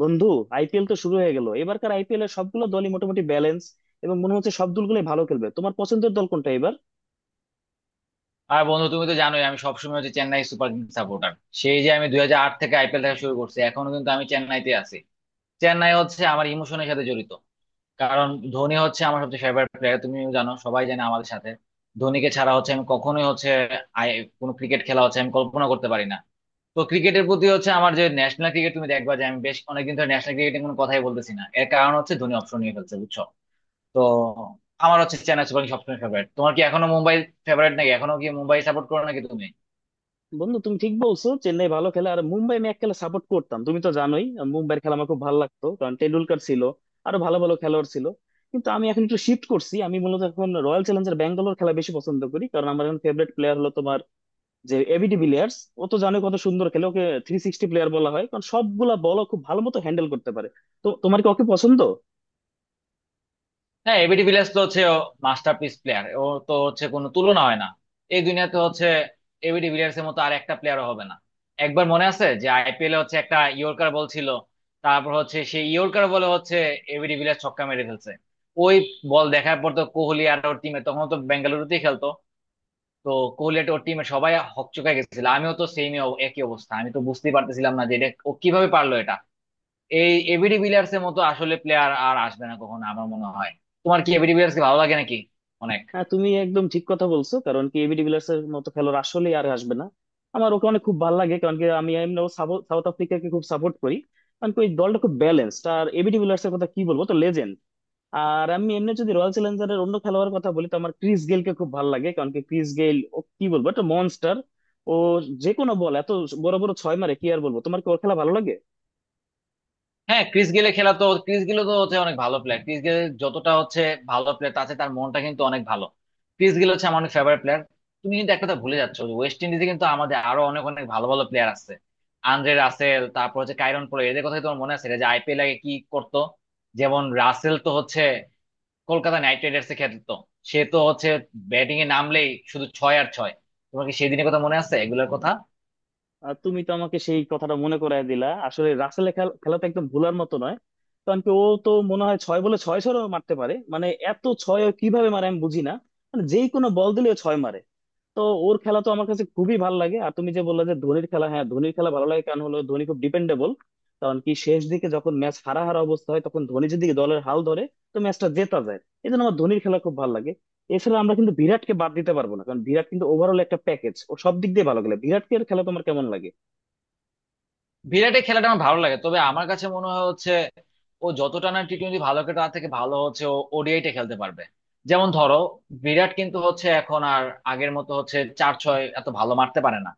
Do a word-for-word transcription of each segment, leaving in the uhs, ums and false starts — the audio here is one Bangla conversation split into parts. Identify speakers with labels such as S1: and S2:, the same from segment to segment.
S1: বন্ধু, আইপিএল তো শুরু হয়ে গেল। এবারকার আইপিএল এর সবগুলো দলই মোটামুটি ব্যালেন্স এবং মনে হচ্ছে সব দলগুলোই ভালো খেলবে। তোমার পছন্দের দল কোনটা এবার?
S2: আর বন্ধু, তুমি তো জানোই আমি সবসময় হচ্ছে চেন্নাই সুপার কিংস সাপোর্টার। সেই যে আমি দুই হাজার আট থেকে আইপিএল দেখা শুরু করছি, এখনো কিন্তু আমি চেন্নাইতে আছি। চেন্নাই হচ্ছে আমার ইমোশনের সাথে জড়িত। কারণ ধোনি হচ্ছে আমার সবচেয়ে ফেভারিট প্লেয়ার, তুমি জানো সবাই জানে আমাদের সাথে। ধোনিকে ছাড়া হচ্ছে আমি কখনোই হচ্ছে আই- কোনো ক্রিকেট খেলা হচ্ছে আমি কল্পনা করতে পারি না। তো ক্রিকেটের প্রতি হচ্ছে আমার যে ন্যাশনাল ক্রিকেট, তুমি দেখবা যে আমি বেশ অনেকদিন ধরে ন্যাশনাল ক্রিকেটে কোনো কথাই বলতেছি না, এর কারণ হচ্ছে ধোনি অপশন নিয়ে ফেলছে, বুঝছো। তো আমার হচ্ছে চেন্নাই সুপার কিংস সবসময় ফেভারিট। তোমার কি এখনো মুম্বাই ফেভারিট নাকি, এখনো কি মুম্বাই সাপোর্ট করো নাকি তুমি?
S1: বন্ধু, তুমি ঠিক বলছো, চেন্নাই ভালো খেলে। আর মুম্বাই আমি এক খেলা সাপোর্ট করতাম, তুমি তো জানোই। আহ, মুম্বাইয়ের খেলা আমার খুব ভালো লাগতো কারণ টেন্ডুলকার ছিল, আরো ভালো ভালো খেলোয়াড় ছিল। কিন্তু আমি এখন একটু শিফট করছি, আমি মূলত এখন রয়্যাল চ্যালেঞ্জার্স ব্যাঙ্গালোর খেলা বেশি পছন্দ করি, কারণ আমার এখন ফেভারিট প্লেয়ার হলো তোমার যে এবি ডিভিলিয়ার্স। ও তো জানো কত সুন্দর খেলে, ওকে থ্রি সিক্সটি প্লেয়ার বলা হয় কারণ সবগুলা বল খুব ভালো মতো হ্যান্ডেল করতে পারে। তো তোমার কি ওকে পছন্দ?
S2: হ্যাঁ, এবিডি ভিলিয়ার্স তো হচ্ছে মাস্টারপিস প্লেয়ার, ও masterpiece player, ও তো হচ্ছে কোনো তুলনা হয় না এই দুনিয়াতে হচ্ছে। এবিডি ভিলিয়ার্স এর মতো আর একটা প্লেয়ারও হবে না। একবার মনে আছে যে আইপিএল এ হচ্ছে একটা ইয়র্কার বল ছিল, তারপর হচ্ছে সেই ইয়র্কার বলে হচ্ছে এবিডি ভিলিয়ার্স ছক্কা মেরে ফেলছে। ওই বল দেখার পর তো কোহলি আর ওর টিমে, তখন তো বেঙ্গালুরুতেই খেলতো, তো কোহলি আর ওর টিমে সবাই হকচকায় গেছিল। আমিও তো সেমই একই অবস্থা, আমি তো বুঝতেই পারতেছিলাম না যে এটা ও কিভাবে পারলো এটা। এই এবিডি ভিলিয়ার্স এর মতো আসলে প্লেয়ার আর আসবে না কখনো আমার মনে হয়। তোমার কি এবিডি ভিলিয়ার্স কে ভালো লাগে নাকি? অনেক।
S1: হ্যাঁ, তুমি একদম ঠিক কথা বলছো, কারণ কি এবি ডিভিলিয়ার্স এর মতো খেলোয়াড় আসলে আর আসবে না। আমার ওকে অনেক খুব ভালো লাগে, কারণ কি আমি এমনিও সাবো- সাউথ আফ্রিকাকে খুব সাপোর্ট করি। কারণ কি ওই দলটা খুব ব্যালেন্সড, আর এবি ডিভিলিয়ার্স এর কথা কি বলবো, তো লেজেন্ড। আর আমি এমনি যদি রয়্যাল চ্যালেঞ্জার্স এর অন্য খেলোয়াড়ের কথা বলি, তো আমার ক্রিস গেইলকে খুব ভালো লাগে। কারণ কি ক্রিস গেইল, ও কি বলবো, একটা মনস্টার। ও যে কোনো বল এত বড় বড় ছয় মারে, কি আর বলবো। তোমার কি ওর খেলা ভালো লাগে?
S2: হ্যাঁ, ক্রিস গেলে খেলা তো, ক্রিস গেলে তো হচ্ছে অনেক ভালো প্লেয়ার, ক্রিস গেলে যতটা হচ্ছে ভালো প্লেয়ার আছে, তার মনটা কিন্তু অনেক ভালো। ক্রিস গেল হচ্ছে আমার অনেক ফেভারিট প্লেয়ার। তুমি কিন্তু একটা কথা ভুলে যাচ্ছ যে ওয়েস্ট ইন্ডিজে কিন্তু আমাদের আরো অনেক অনেক ভালো ভালো প্লেয়ার আছে। আন্দ্রে রাসেল, তারপর হচ্ছে কাইরন পোলা, এদের কথা কি তোমার মনে আছে এরা যে আইপিএল আগে কি করতো? যেমন রাসেল তো হচ্ছে কলকাতা নাইট রাইডার্স এ খেলতো। সে তো হচ্ছে ব্যাটিং এ নামলেই শুধু ছয় আর ছয়। তোমার কি সেদিনের কথা মনে আছে, এগুলোর কথা?
S1: আর তুমি তো আমাকে সেই কথাটা মনে করায় দিলা। আসলে রাসেলের খেল- খেলা তো একদম ভুলার মতো নয়। কারণ কি ও তো মনে হয় ছয় বলে ছয় ছয়ও মারতে পারে, মানে এত ছয় ও কিভাবে মারে আমি বুঝি না। মানে যেই কোনো বল দিলে ও ছয় মারে। তো ওর খেলা তো আমার কাছে খুবই ভালো লাগে। আর তুমি যে বললে যে ধোনির খেলা, হ্যাঁ ধোনির খেলা ভালো লাগে, কারণ হলো ধোনি খুব ডিপেন্ডেবল। কারণ কি শেষ দিকে যখন ম্যাচ হারা হারা অবস্থা হয়, তখন ধোনি যদি দলের হাল ধরে তো ম্যাচটা জেতা যায়। এই জন্য আমার ধোনির খেলা খুব ভালো লাগে। এছাড়া আমরা কিন্তু বিরাটকে বাদ দিতে পারবো না, কারণ বিরাট কিন্তু ওভারঅল একটা প্যাকেজ, ও সব দিক দিয়ে ভালো গেলে। বিরাটকে খেলা তোমার কেমন লাগে?
S2: বিরাটের খেলাটা আমার ভালো লাগে, তবে আমার কাছে মনে হয় হচ্ছে ও যতটা না টি টোয়েন্টি ভালো খেলে, তার থেকে ভালো হচ্ছে ও ওডিআইটা খেলতে পারবে। যেমন ধরো, বিরাট কিন্তু হচ্ছে এখন আর আগের মতো হচ্ছে চার ছয় এত ভালো মারতে পারে না।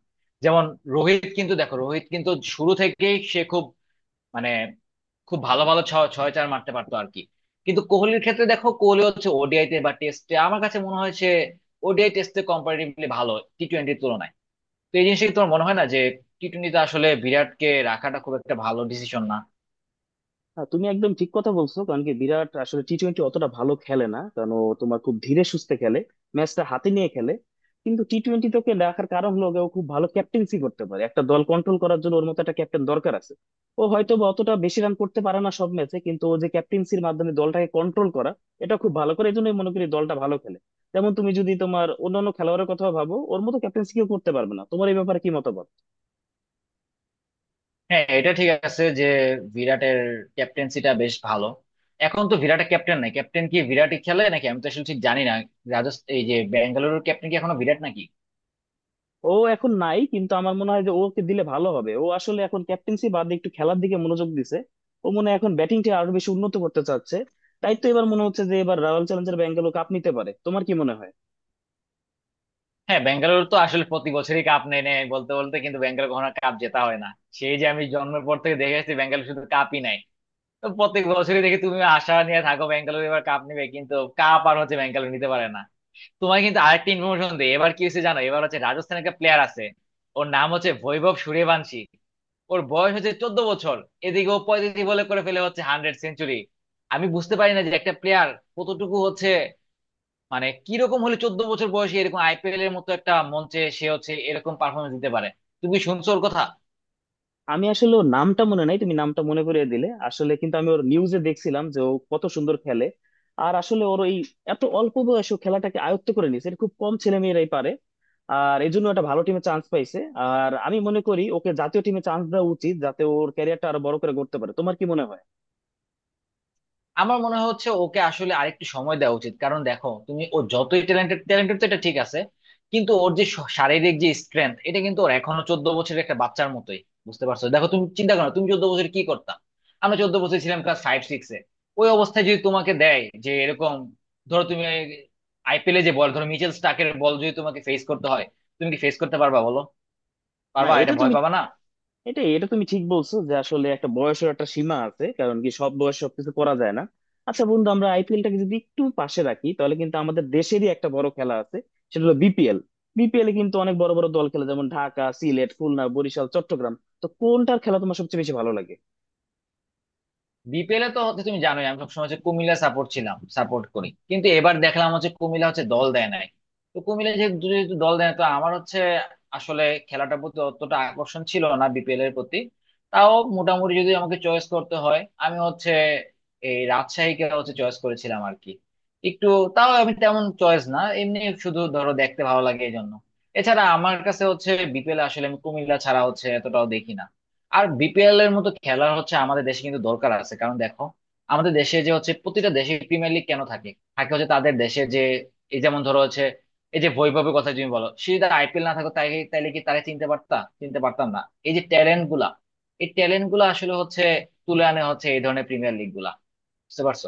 S2: যেমন রোহিত, কিন্তু দেখো রোহিত কিন্তু শুরু থেকেই সে খুব মানে খুব ভালো ভালো ছয় ছয় চার মারতে পারতো আর কি। কিন্তু কোহলির ক্ষেত্রে দেখো, কোহলি হচ্ছে ওডিআই তে বা টেস্টে আমার কাছে মনে হয় সে ওডিআই টেস্টে কম্পারেটিভলি ভালো টি টোয়েন্টির তুলনায়। তো এই জিনিসটা কি তোমার মনে হয় না যে টি টোয়েন্টিতে আসলে বিরাটকে রাখাটা খুব একটা ভালো ডিসিশন না?
S1: হ্যাঁ, তুমি একদম ঠিক কথা বলছো, কারণ কি বিরাট আসলে টি টোয়েন্টি অতটা ভালো খেলে না, কারণ ও তোমার খুব ধীরে সুস্থে খেলে, ম্যাচটা হাতে নিয়ে খেলে। কিন্তু টি টোয়েন্টি তোকে দেখার কারণ হলো গিয়ে ও খুব ভালো ক্যাপ্টেন্সি করতে পারে, একটা দল কন্ট্রোল করার জন্য ওর মতো একটা ক্যাপ্টেন দরকার আছে। ও হয়তো বা অতটা বেশি রান করতে পারে না সব ম্যাচে, কিন্তু ও যে ক্যাপ্টেন্সির মাধ্যমে দলটাকে কন্ট্রোল করা, এটা খুব ভালো করে, এই জন্যই মনে করি দলটা ভালো খেলে। যেমন তুমি যদি তোমার অন্যান্য খেলোয়াড়ের কথা ভাবো, ওর মতো ক্যাপ্টেন্সি কেউ করতে পারবে না। তোমার এই ব্যাপারে কি মতামত?
S2: হ্যাঁ, এটা ঠিক আছে যে বিরাটের ক্যাপ্টেন্সিটা বেশ ভালো। এখন তো বিরাটের ক্যাপ্টেন নাই, ক্যাপ্টেন কি বিরাটই খেলে নাকি? আমি তো আসলে ঠিক জানি না। রাজস্থান, এই যে ব্যাঙ্গালুরুর ক্যাপ্টেন কি এখনো বিরাট নাকি?
S1: ও এখন নাই, কিন্তু আমার মনে হয় যে ওকে দিলে ভালো হবে। ও আসলে এখন ক্যাপ্টেন্সি বাদে একটু খেলার দিকে মনোযোগ দিছে, ও মনে হয় এখন ব্যাটিংটা আরো বেশি উন্নত করতে চাচ্ছে। তাই তো এবার মনে হচ্ছে যে এবার রয়্যাল চ্যালেঞ্জার ব্যাঙ্গালোর কাপ নিতে পারে। তোমার কি মনে হয়?
S2: হ্যাঁ, বেঙ্গালুরু তো আসলে প্রতি বছরই কাপ নেয় নেয় বলতে বলতে, কিন্তু বেঙ্গালুরু কখনো কাপ জেতা হয় না। সেই যে আমি জন্মের পর থেকে দেখে আসছি বেঙ্গালুরু শুধু কাপই নেয়। তো প্রত্যেক বছরই দেখি তুমি আশা নিয়ে থাকো বেঙ্গালুরু এবার কাপ নিবে, কিন্তু কাপ আর হচ্ছে বেঙ্গালুরু নিতে পারে না। তোমার কিন্তু আরেকটা ইনফরমেশন দেই, এবার কি হয়েছে জানো, এবার হচ্ছে রাজস্থানের একটা প্লেয়ার আছে, ওর নাম হচ্ছে বৈভব সূর্যবংশী। ওর বয়স হচ্ছে চোদ্দ বছর। এদিকে ও পঁয়ত্রিশ বলে করে ফেলে হচ্ছে হান্ড্রেড সেঞ্চুরি। আমি বুঝতে পারি না যে একটা প্লেয়ার কতটুকু হচ্ছে, মানে কিরকম হলে চোদ্দ বছর বয়সে এরকম আইপিএল এর মতো একটা মঞ্চে সে হচ্ছে এরকম পারফরমেন্স দিতে পারে। তুমি কি শুনছো ওর কথা?
S1: আমি আসলে ওর নামটা মনে নাই, তুমি নামটা মনে করিয়ে দিলে। আসলে কিন্তু আমি ওর নিউজে দেখছিলাম যে ও কত সুন্দর খেলে। আর আসলে ওর এই এত অল্প বয়সে ও খেলাটাকে আয়ত্ত করে নিয়েছে, এটা খুব কম ছেলে মেয়েরাই পারে। আর এই জন্য একটা ভালো টিমে চান্স পাইছে। আর আমি মনে করি ওকে জাতীয় টিমে চান্স দেওয়া উচিত, যাতে ওর ক্যারিয়ারটা আরো বড় করে করতে পারে। তোমার কি মনে হয়?
S2: আমার মনে হচ্ছে ওকে আসলে আরেকটু সময় দেওয়া উচিত। কারণ দেখো তুমি, ও যতই ট্যালেন্টেড, ট্যালেন্টেড তো এটা ঠিক আছে, কিন্তু ওর যে শ- শারীরিক যে স্ট্রেংথ, এটা কিন্তু ওর এখনো চোদ্দ বছরের একটা বাচ্চার মতোই। বুঝতে পারছো, দেখো তুমি চিন্তা করো, তুমি চোদ্দ বছর কি করতা? আমরা চোদ্দ বছর ছিলাম ক্লাস ফাইভ সিক্সে। ওই অবস্থায় যদি তোমাকে দেয় যে এরকম, ধরো তুমি আইপিএলে যে বল, ধরো মিচেল স্টার্কের বল যদি তোমাকে ফেস করতে হয়, তুমি কি ফেস করতে পারবা বলো?
S1: না,
S2: পারবা, এটা
S1: এটা
S2: ভয়
S1: তুমি
S2: পাবা না?
S1: এটা এটা তুমি ঠিক বলছো যে আসলে একটা বয়সের একটা সীমা আছে, কারণ কি সব বয়স সবকিছু করা যায় না। আচ্ছা বন্ধু, আমরা আইপিএলটাকে যদি একটু পাশে রাখি, তাহলে কিন্তু আমাদের দেশেরই একটা বড় খেলা আছে, সেটা হলো বিপিএল। বিপিএল এ কিন্তু অনেক বড় বড় দল খেলে, যেমন ঢাকা, সিলেট, খুলনা, বরিশাল, চট্টগ্রাম। তো কোনটার খেলা তোমার সবচেয়ে বেশি ভালো লাগে?
S2: বিপিএল এ তো হচ্ছে, তুমি জানোই আমি সবসময় হচ্ছে কুমিল্লা সাপোর্ট ছিলাম, সাপোর্ট করি, কিন্তু এবার দেখলাম হচ্ছে কুমিল্লা হচ্ছে দল দেয় নাই। তো কুমিল্লা যেহেতু যেহেতু দল দেয় না, তো আমার হচ্ছে আসলে খেলাটার প্রতি অতটা আকর্ষণ ছিল না বিপিএল এর প্রতি। তাও মোটামুটি যদি আমাকে চয়েস করতে হয়, আমি হচ্ছে এই রাজশাহীকে হচ্ছে চয়েস করেছিলাম আর কি। একটু, তাও আমি তেমন চয়েস না, এমনি শুধু ধরো দেখতে ভালো লাগে এই জন্য। এছাড়া আমার কাছে হচ্ছে বিপিএল আসলে আমি কুমিল্লা ছাড়া হচ্ছে এতটাও দেখি না। আর বিপিএল এর মতো খেলা হচ্ছে আমাদের দেশে কিন্তু দরকার আছে। কারণ দেখো, আমাদের দেশে যে হচ্ছে, প্রতিটা দেশে প্রিমিয়ার লিগ কেন থাকে? থাকে হচ্ছে তাদের দেশে যে, এই যেমন ধরো হচ্ছে, এই যে বৈভবের কথা তুমি বলো, সে যদি আইপিএল না থাকো তাই তাইলে কি তারা চিনতে পারতা? চিনতে পারতাম না। এই যে ট্যালেন্ট গুলা, এই ট্যালেন্ট গুলা আসলে হচ্ছে তুলে আনে হচ্ছে এই ধরনের প্রিমিয়ার লিগ গুলা। বুঝতে পারছো?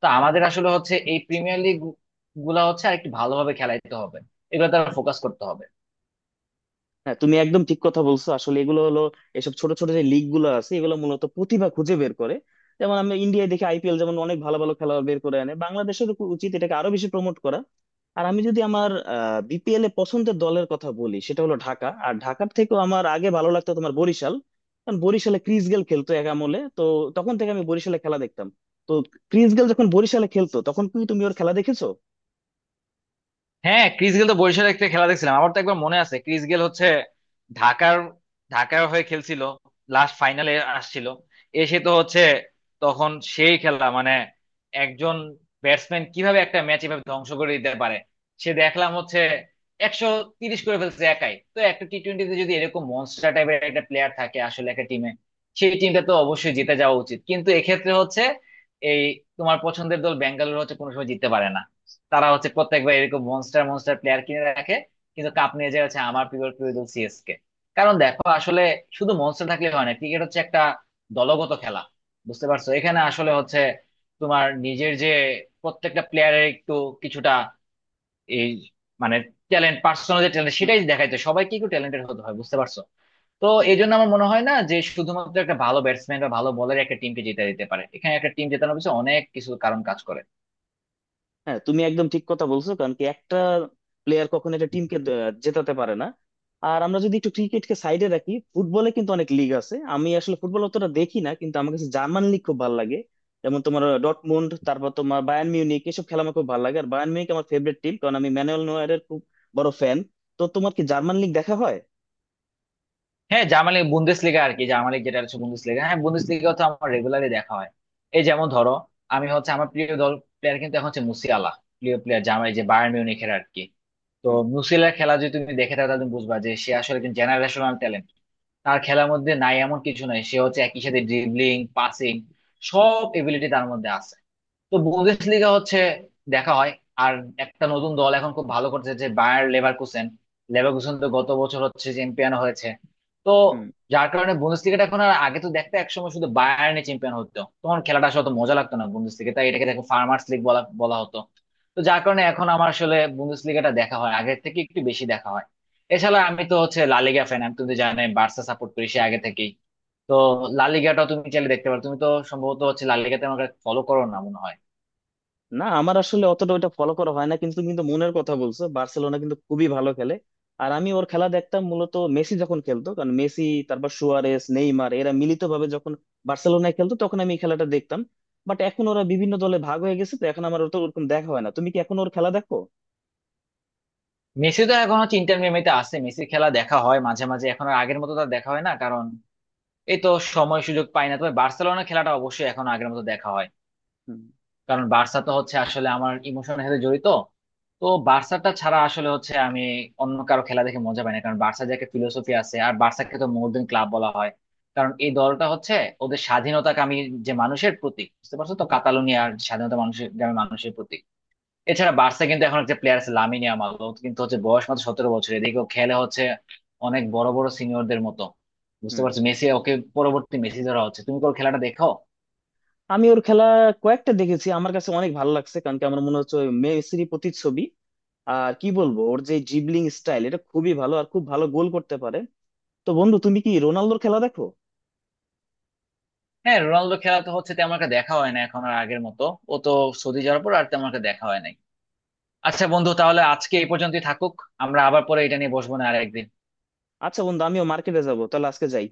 S2: তো আমাদের আসলে হচ্ছে এই প্রিমিয়ার লিগ গুলা হচ্ছে আরেকটু ভালোভাবে খেলাইতে হবে, এগুলো তারা ফোকাস করতে হবে।
S1: হ্যাঁ, তুমি একদম ঠিক কথা বলছো। আসলে এগুলো হলো, এসব ছোট ছোট যে লিগ গুলো আছে, এগুলো মূলত প্রতিভা খুঁজে বের করে। যেমন আমরা ইন্ডিয়ায় দেখি আইপিএল যেমন অনেক ভালো ভালো খেলোয়াড় বের করে আনে। বাংলাদেশের উচিত এটাকে আরো বেশি প্রমোট করা। আর আমি যদি আমার বিপিএল এ পছন্দের দলের কথা বলি, সেটা হলো ঢাকা। আর ঢাকার থেকেও আমার আগে ভালো লাগতো তোমার বরিশাল, কারণ বরিশালে ক্রিস গেল খেলতো এক আমলে তো। তখন থেকে আমি বরিশালে খেলা দেখতাম। তো ক্রিস গেল যখন বরিশালে খেলতো তখন কি তুমি ওর খেলা দেখেছো?
S2: হ্যাঁ, ক্রিস গেল তো বরিশালের একটা খেলা দেখছিলাম। আমার তো একবার মনে আছে ক্রিস গেল হচ্ছে ঢাকার, ঢাকার হয়ে খেলছিল লাস্ট ফাইনালে, আসছিল, এসে তো হচ্ছে, তখন সেই খেলা মানে একজন ব্যাটসম্যান কিভাবে একটা ম্যাচ এভাবে ধ্বংস করে দিতে পারে। সে দেখলাম হচ্ছে একশো তিরিশ করে ফেলছে একাই। তো একটা টি টোয়েন্টিতে যদি এরকম মনস্টার টাইপের একটা প্লেয়ার থাকে আসলে একটা টিমে, সেই টিমটা তো অবশ্যই জিতে যাওয়া উচিত, কিন্তু এক্ষেত্রে হচ্ছে এই তোমার পছন্দের দল বেঙ্গালুরু হচ্ছে কোনো সময় জিততে পারে না। তারা হচ্ছে প্রত্যেকবার এরকম মনস্টার মনস্টার প্লেয়ার কিনে রাখে, কিন্তু কাপ নিয়ে যায় হচ্ছে আমার প্রিয় প্রিয় দল সিএসকে। কারণ দেখো আসলে শুধু মনস্টার থাকলে হয় না, ক্রিকেট হচ্ছে একটা দলগত খেলা। বুঝতে পারছো, এখানে আসলে হচ্ছে তোমার নিজের যে প্রত্যেকটা প্লেয়ারের একটু কিছুটা এই মানে ট্যালেন্ট, পার্সোনাল যে ট্যালেন্ট সেটাই দেখাইতে সবাইকে একটু ট্যালেন্টেড হতে হয়, বুঝতে পারছো? তো
S1: হুম।
S2: এই জন্য আমার মনে হয় না যে শুধুমাত্র একটা ভালো ব্যাটসম্যান বা ভালো বলার একটা টিমকে জিতে দিতে পারে। এখানে একটা টিম জেতানোর পিছনে অনেক কিছু কারণ কাজ করে।
S1: হ্যাঁ, তুমি একদম ঠিক কথা বলছো, কারণ কি একটা প্লেয়ার কখনো একটা টিমকে জেতাতে পারে না। আর আমরা যদি একটু ক্রিকেটকে সাইডে রাখি, ফুটবলে কিন্তু অনেক লিগ আছে। আমি আসলে ফুটবল অতটা দেখি না, কিন্তু আমার কাছে জার্মান লিগ খুব ভালো লাগে। যেমন তোমার ডটমুন্ড, তারপর তোমার বায়ার্ন মিউনিক, এসব খেলা আমার খুব ভালো লাগে। আর বায়ার্ন মিউনিক আমার ফেভারিট টিম, কারণ আমি ম্যানুয়েল নয়্যারের খুব বড় ফ্যান। তো তোমার কি জার্মান লিগ দেখা হয়?
S2: হ্যাঁ, জার্মানি বুন্দেসলিগা আর কি, জার্মানি যেটা হচ্ছে বুন্দেসলিগা, হ্যাঁ, বুন্দেসলিগা তো আমার রেগুলারলি দেখা হয়। এই যেমন ধরো, আমি হচ্ছে আমার প্রিয় দল প্লেয়ার কিন্তু এখন হচ্ছে মুসিয়ালা, প্রিয় প্লেয়ার, জার্মানি যে বায়ার্ন মিউনিখের আর কি। তো
S1: হুম।
S2: মুসিয়ালার খেলা যদি তুমি দেখে থাকো, তাহলে তুমি বুঝবা যে সে আসলে একজন জেনারেশনাল ট্যালেন্ট। তার খেলার মধ্যে নাই এমন কিছু নাই, সে হচ্ছে একই সাথে ড্রিবলিং, পাসিং, সব এবিলিটি তার মধ্যে আছে। তো বুন্দেসলিগা হচ্ছে দেখা হয়। আর একটা নতুন দল এখন খুব ভালো করছে, যে বায়ার লেভারকুসেন। লেভারকুসেন তো গত বছর হচ্ছে চ্যাম্পিয়ন হয়েছে। তো
S1: হুম।
S2: যার কারণে বুন্দেসলিগাটা এখন, আর আগে তো দেখতে একসময় শুধু বায়ার্নে চ্যাম্পিয়ন হতো, তখন খেলাটা আসলে অত মজা লাগতো না বুন্দেসলিগা, তাই এটাকে দেখো ফার্মার্স লিগ বলা বলা হতো। তো যার কারণে এখন আমার আসলে বুন্দেসলিগাটা দেখা হয় আগের থেকে একটু বেশি দেখা হয়। এছাড়া আমি তো হচ্ছে লা লিগা ফ্যান, আমি, তুমি তো জানোই বার্সা সাপোর্ট করি সে আগে থেকেই। তো লা লিগাটাও তুমি চাইলে দেখতে পারো, তুমি তো সম্ভবত হচ্ছে লা লিগাতে আমাকে ফলো করো না মনে হয়।
S1: না, আমার আসলে অতটা ওইটা ফলো করা হয় না। কিন্তু কিন্তু মনের কথা বলছো, বার্সেলোনা কিন্তু খুবই ভালো খেলে। আর আমি ওর খেলা দেখতাম মূলত মেসি যখন খেলতো, কারণ মেসি, তারপর সুয়ারেস, নেইমার এরা মিলিতভাবে যখন বার্সেলোনায় খেলতো তখন আমি এই খেলাটা দেখতাম। বাট এখন ওরা বিভিন্ন দলে ভাগ হয়ে গেছে, তো এখন আমার অত ওরকম দেখা হয় না। তুমি কি এখন ওর খেলা দেখো?
S2: মেসি তো এখন হচ্ছে ইন্টার মিয়ামিতে আছে, মেসির খেলা দেখা হয় মাঝে মাঝে, এখন আর আগের মতো তার দেখা হয় না, কারণ এই তো সময় সুযোগ পাই না। তবে বার্সেলোনার খেলাটা অবশ্যই এখন আগের মতো দেখা হয়।
S1: হুম।
S2: কারণ বার্সা তো হচ্ছে আসলে আমার ইমোশনের সাথে জড়িত। তো বার্সাটা ছাড়া আসলে হচ্ছে আমি অন্য কারো খেলা দেখে মজা পাই না। কারণ বার্সার যে একটা ফিলোসফি আছে, আর বার্সাকে তো মডার্ন ক্লাব বলা হয়। কারণ এই দলটা হচ্ছে ওদের স্বাধীনতাকামী যে মানুষের প্রতীক, বুঝতে পারছো তো, কাতালোনিয়ার স্বাধীনতা মানুষের, গ্রামের মানুষের প্রতীক। এছাড়া বার্সা কিন্তু এখন একটা প্লেয়ার আছে লামিনে ইয়ামাল, ও কিন্তু হচ্ছে বয়স মাত্র সতেরো বছর, এদিকে ও খেলে হচ্ছে অনেক বড় বড় সিনিয়রদের মতো। বুঝতে
S1: হুম।
S2: পারছো, মেসি ওকে পরবর্তী মেসি ধরা হচ্ছে। তুমি কোন খেলাটা দেখো?
S1: আমি ওর খেলা কয়েকটা দেখেছি, আমার কাছে অনেক ভালো লাগছে। কারণ কি আমার মনে হচ্ছে ওই মেসির প্রতিচ্ছবি। আর কি বলবো, ওর যে জিবলিং স্টাইল এটা খুবই ভালো, আর খুব ভালো গোল করতে পারে। তো বন্ধু, তুমি কি রোনালদোর খেলা দেখো?
S2: হ্যাঁ, রোনালদো খেলা তো হচ্ছে তেমন একটা দেখা হয় না এখন আর আগের মতো। ও তো সৌদি যাওয়ার পর আর তেমন একটা দেখা হয় নাই। আচ্ছা বন্ধু, তাহলে আজকে এই পর্যন্তই থাকুক। আমরা আবার পরে এটা নিয়ে বসবো, না আর একদিন।
S1: আচ্ছা বন্ধু, আমিও মার্কেটে যাবো, তাহলে আজকে যাই।